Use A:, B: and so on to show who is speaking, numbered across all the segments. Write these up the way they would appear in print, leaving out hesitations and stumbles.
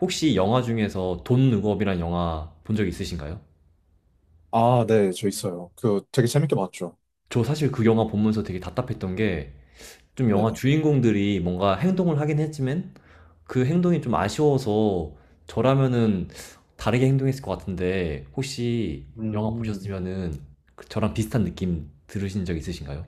A: 혹시 영화 중에서 돈 룩업이란 영화 본 적 있으신가요?
B: 아, 네, 저 있어요. 그 되게 재밌게 봤죠.
A: 저 사실 그 영화 보면서 되게 답답했던 게, 좀 영화
B: 네네.
A: 주인공들이 뭔가 행동을 하긴 했지만 그 행동이 좀 아쉬워서, 저라면은 다르게 행동했을 것 같은데, 혹시 영화
B: 음,
A: 보셨으면은 그 저랑 비슷한 느낌 들으신 적 있으신가요?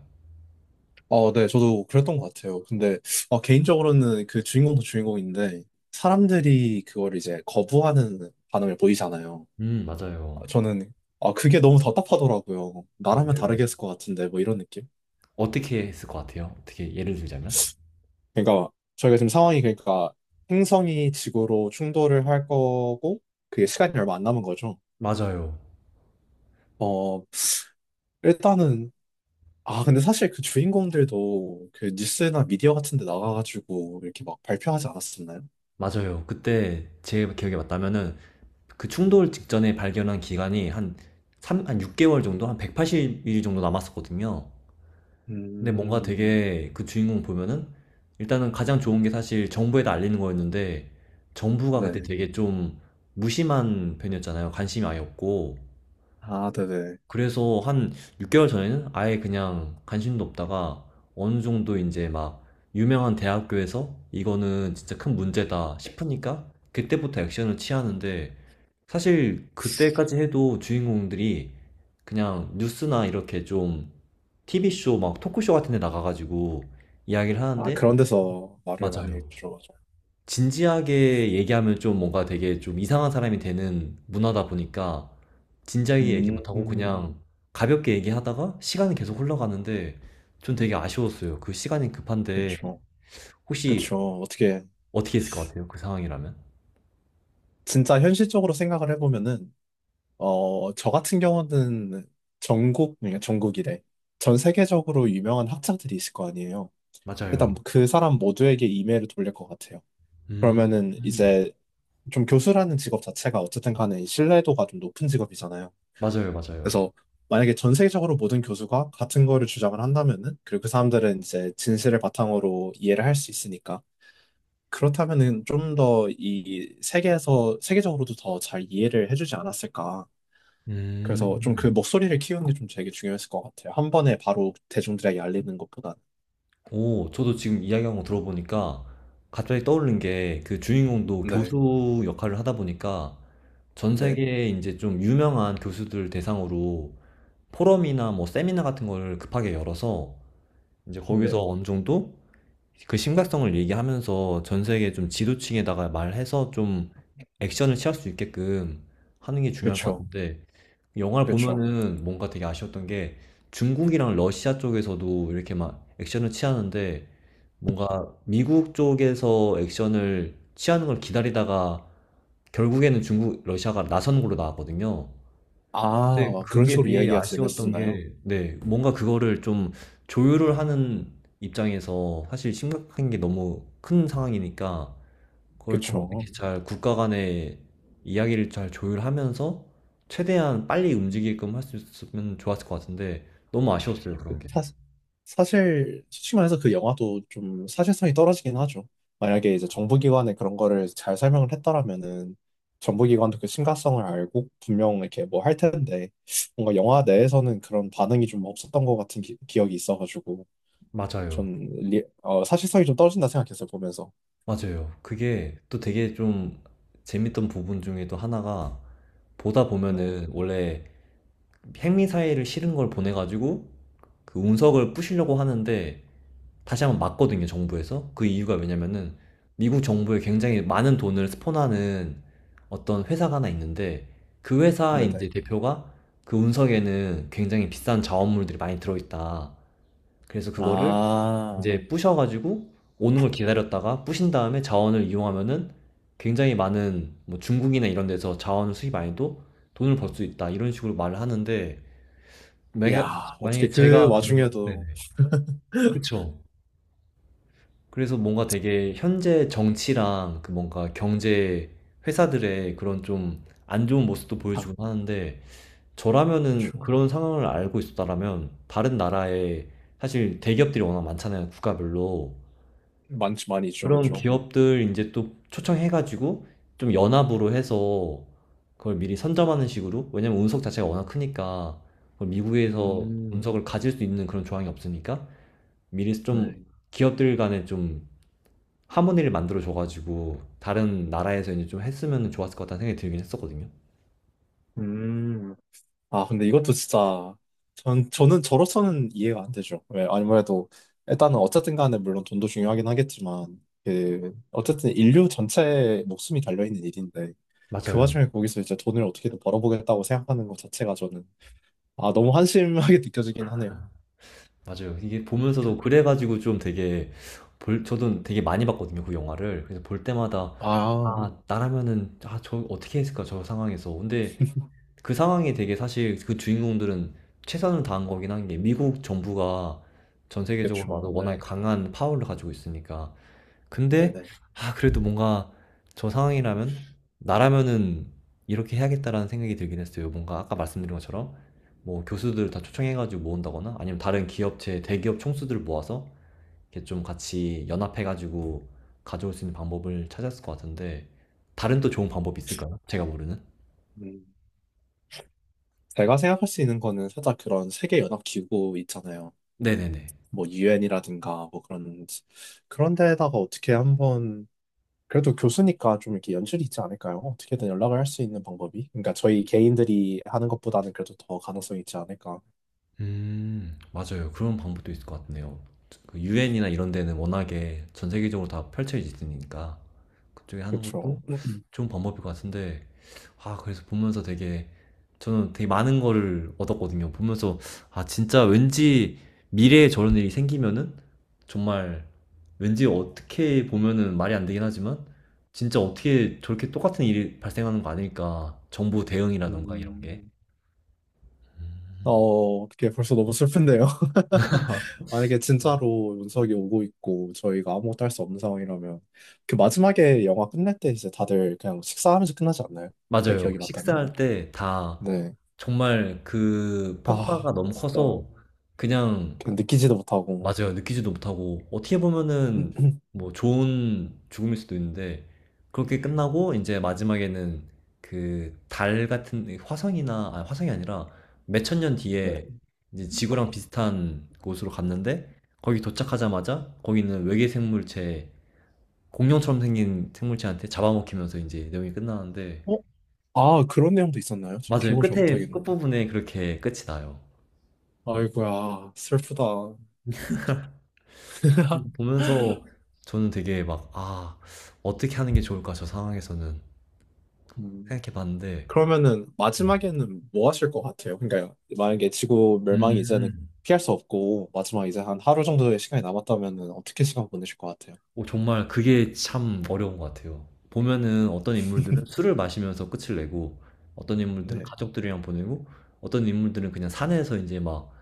B: 어, 네, 저도 그랬던 것 같아요. 근데 개인적으로는 그 주인공도 주인공인데 사람들이 그걸 이제 거부하는 반응을 보이잖아요. 아,
A: 맞아요.
B: 저는 아, 그게 너무 답답하더라고요. 나라면
A: 맞아요,
B: 다르게 했을
A: 맞아요.
B: 것 같은데 뭐 이런 느낌?
A: 어떻게 했을 것 같아요? 어떻게, 예를 들자면?
B: 그러니까 저희가 지금 상황이 그러니까 행성이 지구로 충돌을 할 거고 그게 시간이 얼마 안 남은 거죠.
A: 맞아요.
B: 어, 일단은 아, 근데 사실 그 주인공들도 그 뉴스나 미디어 같은 데 나가가지고 이렇게 막 발표하지 않았었나요?
A: 맞아요. 그때 제 기억에 맞다면은, 그 충돌 직전에 발견한 기간이 한 3, 한 6개월 정도? 한 180일 정도 남았었거든요. 근데 뭔가
B: 음,
A: 되게 그 주인공 보면은, 일단은 가장 좋은 게 사실 정부에다 알리는 거였는데, 정부가 그때
B: 네.
A: 되게 좀 무심한 편이었잖아요. 관심이 아예 없고.
B: 아, 네네.
A: 그래서 한 6개월 전에는 아예 그냥 관심도 없다가 어느 정도 이제 막 유명한 대학교에서 이거는 진짜 큰 문제다 싶으니까 그때부터 액션을 취하는데, 사실 그때까지 해도 주인공들이 그냥 뉴스나 이렇게 좀 TV쇼, 막 토크쇼 같은 데 나가가지고 이야기를
B: 아,
A: 하는데.
B: 그런 데서 말을 많이
A: 맞아요.
B: 들어가죠.
A: 진지하게 얘기하면 좀 뭔가 되게 좀 이상한 사람이 되는 문화다 보니까 진지하게 얘기
B: 음,
A: 못하고
B: 음,
A: 그냥 가볍게 얘기하다가 시간이 계속 흘러가는데, 전 되게 아쉬웠어요. 그 시간이 급한데.
B: 그쵸.
A: 혹시,
B: 그쵸. 어떻게,
A: 어떻게 했을 것 같아요? 그 상황이라면?
B: 진짜 현실적으로 생각을 해보면은, 저 같은 경우는 그러니까 전국이래. 전 세계적으로 유명한 학자들이 있을 거 아니에요. 일단
A: 맞아요.
B: 그 사람 모두에게 이메일을 돌릴 것 같아요.
A: 음,
B: 그러면은
A: 음.
B: 이제 좀 교수라는 직업 자체가 어쨌든 간에 이 신뢰도가 좀 높은 직업이잖아요.
A: 맞아요, 맞아요.
B: 그래서 만약에 전 세계적으로 모든 교수가 같은 거를 주장을 한다면은, 그리고 그 사람들은 이제 진실을 바탕으로 이해를 할 수 있으니까, 그렇다면은 좀 더 이 세계적으로도 더 잘 이해를 해주지 않았을까. 그래서 좀 그
A: 음.
B: 목소리를 키우는 게 좀 되게 중요했을 것 같아요. 한 번에 바로 대중들에게 알리는 것보다는.
A: 오, 저도 지금 이야기한 거 들어보니까 갑자기 떠오른 게, 그 주인공도
B: 네,
A: 교수 역할을 하다 보니까 전
B: 네,
A: 세계에 이제 좀 유명한 교수들 대상으로 포럼이나 뭐 세미나 같은 걸 급하게 열어서 이제
B: 네.
A: 거기서 어느 정도 그 심각성을 얘기하면서 전 세계 좀 지도층에다가 말해서 좀 액션을 취할 수 있게끔 하는 게 중요할 것
B: 그쵸,
A: 같은데. 영화를
B: 그쵸.
A: 보면은 뭔가 되게 아쉬웠던 게, 중국이랑 러시아 쪽에서도 이렇게 막 액션을 취하는데, 뭔가 미국 쪽에서 액션을 취하는 걸 기다리다가 결국에는 중국, 러시아가 나선 걸로 나왔거든요. 근데
B: 아, 그런
A: 그게
B: 식으로
A: 되게
B: 이야기가
A: 아쉬웠던
B: 진행됐었나요?
A: 게, 네, 뭔가 그거를 좀 조율을 하는 입장에서 사실 심각한 게 너무 큰 상황이니까 그걸 좀 어떻게
B: 그쵸.
A: 잘 국가 간의 이야기를 잘 조율하면서 최대한 빨리 움직이게끔 할 수 있으면 좋았을 것 같은데, 너무 아쉬웠어요,
B: 그
A: 그런 게.
B: 사- 사실 솔직히 말해서 그 영화도 좀 사실성이 떨어지긴 하죠. 만약에 이제 정부기관에 그런 거를 잘 설명을 했더라면은 정부기관도 그 심각성을 알고 분명 이렇게 뭐 할 텐데 뭔가 영화 내에서는 그런 반응이 좀 없었던 것 같은 기, 억이 있어가지고
A: 맞아요.
B: 전 사실성이 좀 떨어진다 생각했어요 보면서.
A: 맞아요. 그게 또 되게 좀 재밌던 부분 중에도 하나가, 보다
B: 네,
A: 보면은 원래 핵미사일을 실은 걸 보내가지고 그 운석을 부시려고 하는데 다시 한번 맞거든요, 정부에서. 그 이유가 왜냐면은, 미국 정부에 굉장히 많은 돈을 스폰하는 어떤 회사가 하나 있는데, 그 회사
B: 네,
A: 이제
B: 네.
A: 대표가, 그 운석에는 굉장히 비싼 자원물들이 많이 들어있다, 그래서 그거를
B: 아,
A: 이제 부셔가지고 오는 걸 기다렸다가 부신 다음에 자원을 이용하면은 굉장히 많은, 뭐 중국이나 이런 데서 자원을 수입 안 해도 돈을 벌 수 있다, 이런 식으로 말을 하는데, 만약-
B: 야 어떻게
A: 만약에
B: 그
A: 제가 그.
B: 와중에도
A: 네네. 그쵸. 그래서 뭔가 되게 현재 정치랑 그 뭔가 경제 회사들의 그런 좀 안 좋은 모습도
B: 아,
A: 보여주곤 하는데, 저라면은
B: 그쵸.
A: 그런 상황을 알고 있었다라면 다른 나라에, 사실 대기업들이 워낙 많잖아요. 국가별로.
B: 많지 많이 있죠,
A: 그런
B: 그쵸.
A: 기업들 이제 또 초청해가지고 좀 연합으로 해서 그걸 미리 선점하는 식으로. 왜냐면 운석 자체가 워낙 크니까 그걸 미국에서
B: 음,
A: 운석을 가질 수 있는 그런 조항이 없으니까 미리
B: 네.
A: 좀 기업들 간에 좀 하모니를 만들어 줘가지고 다른 나라에서 이제 좀 했으면 좋았을 것 같다는 생각이 들긴 했었거든요.
B: 음. 아, 근데 이것도 진짜, 저는 저로서는 이해가 안 되죠. 왜, 아무래도, 일단은 어쨌든 간에 물론 돈도 중요하긴 하겠지만, 그, 어쨌든 인류 전체의 목숨이 달려있는 일인데, 그
A: 맞아요.
B: 와중에 거기서 이제 돈을 어떻게든 벌어보겠다고 생각하는 것 자체가 저는, 아, 너무 한심하게 느껴지긴 하네요.
A: 맞아요. 이게 보면서도 그래가지고 좀 되게, 저도 되게 많이 봤거든요, 그 영화를. 그래서 볼 때마다,
B: 아,
A: 아, 나라면은, 아, 저 어떻게 했을까, 저 상황에서. 근데 그 상황이 되게, 사실 그 주인공들은 최선을 다한 거긴 한 게 미국 정부가 전 세계적으로
B: 그렇죠.
A: 봐도 워낙에
B: 네,
A: 강한 파워를 가지고 있으니까.
B: 네,
A: 근데
B: 네.
A: 아, 그래도 뭔가 저 상황이라면 나라면은 이렇게 해야겠다라는 생각이 들긴 했어요. 뭔가 아까 말씀드린 것처럼 뭐 교수들 다 초청해가지고 모은다거나 아니면 다른 기업체 대기업 총수들 모아서 이렇게 좀 같이 연합해가지고 가져올 수 있는 방법을 찾았을 것 같은데, 다른 또 좋은 방법이 있을까요? 제가 모르는?
B: 음, 제가 생각할 수 있는 거는 살짝 그런 세계연합기구 있잖아요.
A: 네네네.
B: 뭐, 유엔이라든가, 뭐 그런, 그런 데에다가 어떻게 한번 그래도 교수니까 좀 이렇게 연출이 있지 않을까요? 어떻게든 연락을 할 수 있는 방법이. 그러니까 저희 개인들이 하는 것보다는 그래도 더 가능성이 있지 않을까.
A: 맞아요. 그런 방법도 있을 것 같네요. 그 유엔이나 이런 데는 워낙에 전 세계적으로 다 펼쳐져 있으니까 그쪽에 하는
B: 그쵸.
A: 것도 좋은 방법일 것 같은데. 아, 그래서 보면서 되게, 저는 되게 많은 거를 얻었거든요. 보면서, 아, 진짜 왠지 미래에 저런 일이 생기면은 정말, 왠지 어떻게 보면은 말이 안 되긴 하지만, 진짜 어떻게 저렇게 똑같은 일이 발생하는 거 아닐까. 정부 대응이라던가 이런 게.
B: 음, 어, 어떻게 벌써 너무 슬픈데요? 만약에 진짜로 윤석이 오고 있고 저희가 아무것도 할 수 없는 상황이라면 그 마지막에 영화 끝날 때 이제 다들 그냥 식사하면서 끝나지 않나요? 제
A: 맞아요.
B: 기억이 맞다면.
A: 식사할 때 다
B: 네.
A: 정말 그
B: 아,
A: 폭파가 너무
B: 진짜
A: 커서 그냥.
B: 그냥 느끼지도 못하고.
A: 맞아요. 느끼지도 못하고, 어떻게 보면은 뭐 좋은 죽음일 수도 있는데, 그렇게 끝나고 이제 마지막에는 그 달 같은 화성이나, 아, 화성이 아니라 몇천년
B: 네.
A: 뒤에 이제 지구랑 비슷한 곳으로 갔는데, 거기 도착하자마자 거기는 외계 생물체, 공룡처럼 생긴 생물체한테 잡아먹히면서 이제 내용이 끝나는데.
B: 어? 아, 그런 내용도 있었나요? 제
A: 맞아요.
B: 기억을 잘
A: 끝에,
B: 못하겠네요.
A: 끝부분에 그렇게 끝이 나요.
B: 아이고야, 슬프다.
A: 보면서 저는 되게 막, 아, 어떻게 하는 게 좋을까, 저 상황에서는
B: 음.
A: 생각해 봤는데.
B: 그러면은 마지막에는 뭐 하실 것 같아요? 그러니까 만약에 지구 멸망이 이제는
A: 음.
B: 피할 수 없고 마지막 이제 한 하루 정도의 시간이 남았다면은 어떻게 시간 보내실 것 같아요?
A: 오, 정말 그게 참 어려운 것 같아요. 보면은 어떤 인물들은 술을 마시면서 끝을 내고, 어떤 인물들은
B: 네.
A: 가족들이랑 보내고, 어떤 인물들은 그냥 산에서 이제 막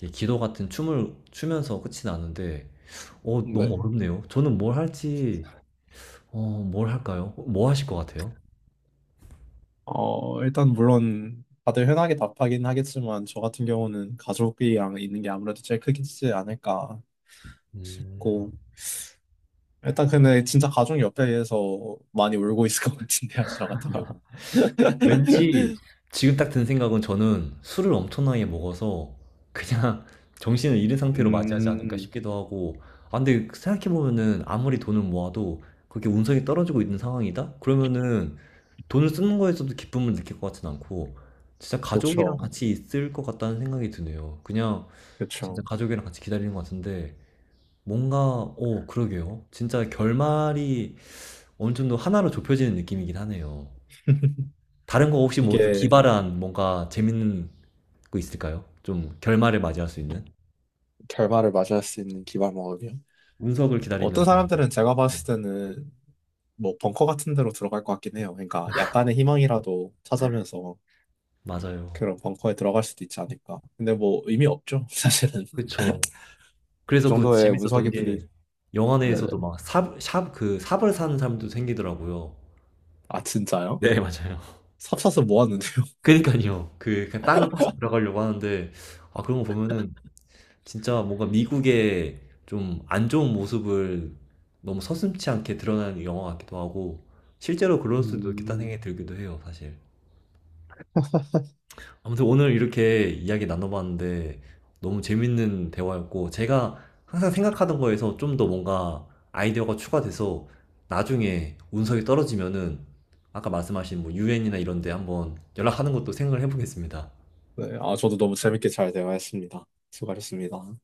A: 이렇게 기도 같은 춤을 추면서 끝이 나는데, 어, 너무
B: 네.
A: 어렵네요. 저는 뭘 할지, 어, 뭘 할까요? 뭐 하실 것 같아요?
B: 어, 일단 물론 다들 흔하게 답하긴 하겠지만 저 같은 경우는 가족이랑 있는 게 아무래도 제일 크지 않을까
A: 음.
B: 싶고 일단 근데 진짜 가족 옆에서 많이 울고 있을 것 같은데요, 저 같은 경우는.
A: 왠지 지금 딱 든 생각은, 저는 술을 엄청나게 먹어서 그냥 정신을 잃은 상태로 맞이하지 않을까
B: 음,
A: 싶기도 하고, 아, 근데 생각해보면은 아무리 돈을 모아도 그렇게 운석이 떨어지고 있는 상황이다? 그러면은 돈을 쓰는 거에서도 기쁨을 느낄 것 같진 않고, 진짜 가족이랑
B: 그렇죠.
A: 같이 있을 것 같다는 생각이 드네요. 그냥 진짜
B: 그렇죠.
A: 가족이랑 같이 기다리는 것 같은데. 뭔가, 어, 그러게요. 진짜 결말이 어느 정도 하나로 좁혀지는 느낌이긴 하네요. 다른 거 혹시 뭐또
B: 이게
A: 기발한 뭔가 재밌는 거 있을까요? 좀 결말을 맞이할 수 있는?
B: 결말을 맞이할 수 있는 기발목이요.
A: 운석을
B: 어떤
A: 기다리면서.
B: 사람들은 제가
A: 네.
B: 봤을 때는 뭐 벙커 같은 데로 들어갈 것 같긴 해요. 그러니까 약간의 희망이라도 찾으면서
A: 맞아요.
B: 그런 벙커에 들어갈 수도 있지 않을까. 근데 뭐 의미 없죠, 사실은. 그
A: 그쵸. 그래서 그
B: 정도의
A: 재밌었던
B: 운석이 부딪.
A: 게, 영화
B: 네네.
A: 내에서도 막 그 삽을 사는 사람도 생기더라고요.
B: 아 진짜요?
A: 네, 맞아요.
B: 삽사서 모았는데요.
A: 그니까요. 그 그냥 땅을 파서 들어가려고 하는데, 아, 그런 거 보면은 진짜 뭔가 미국의 좀 안 좋은 모습을 너무 서슴지 않게 드러나는 영화 같기도 하고 실제로 그럴 수도 있겠다는
B: 음.
A: 생각이 들기도 해요, 사실. 아무튼 오늘 이렇게 이야기 나눠봤는데 너무 재밌는 대화였고, 제가 항상 생각하던 거에서 좀 더 뭔가 아이디어가 추가돼서 나중에 운석이 떨어지면은 아까 말씀하신 뭐 유엔이나 이런 데 한번 연락하는 것도 생각을 해보겠습니다.
B: 네, 아 저도 너무 재밌게 잘 대화했습니다. 수고하셨습니다.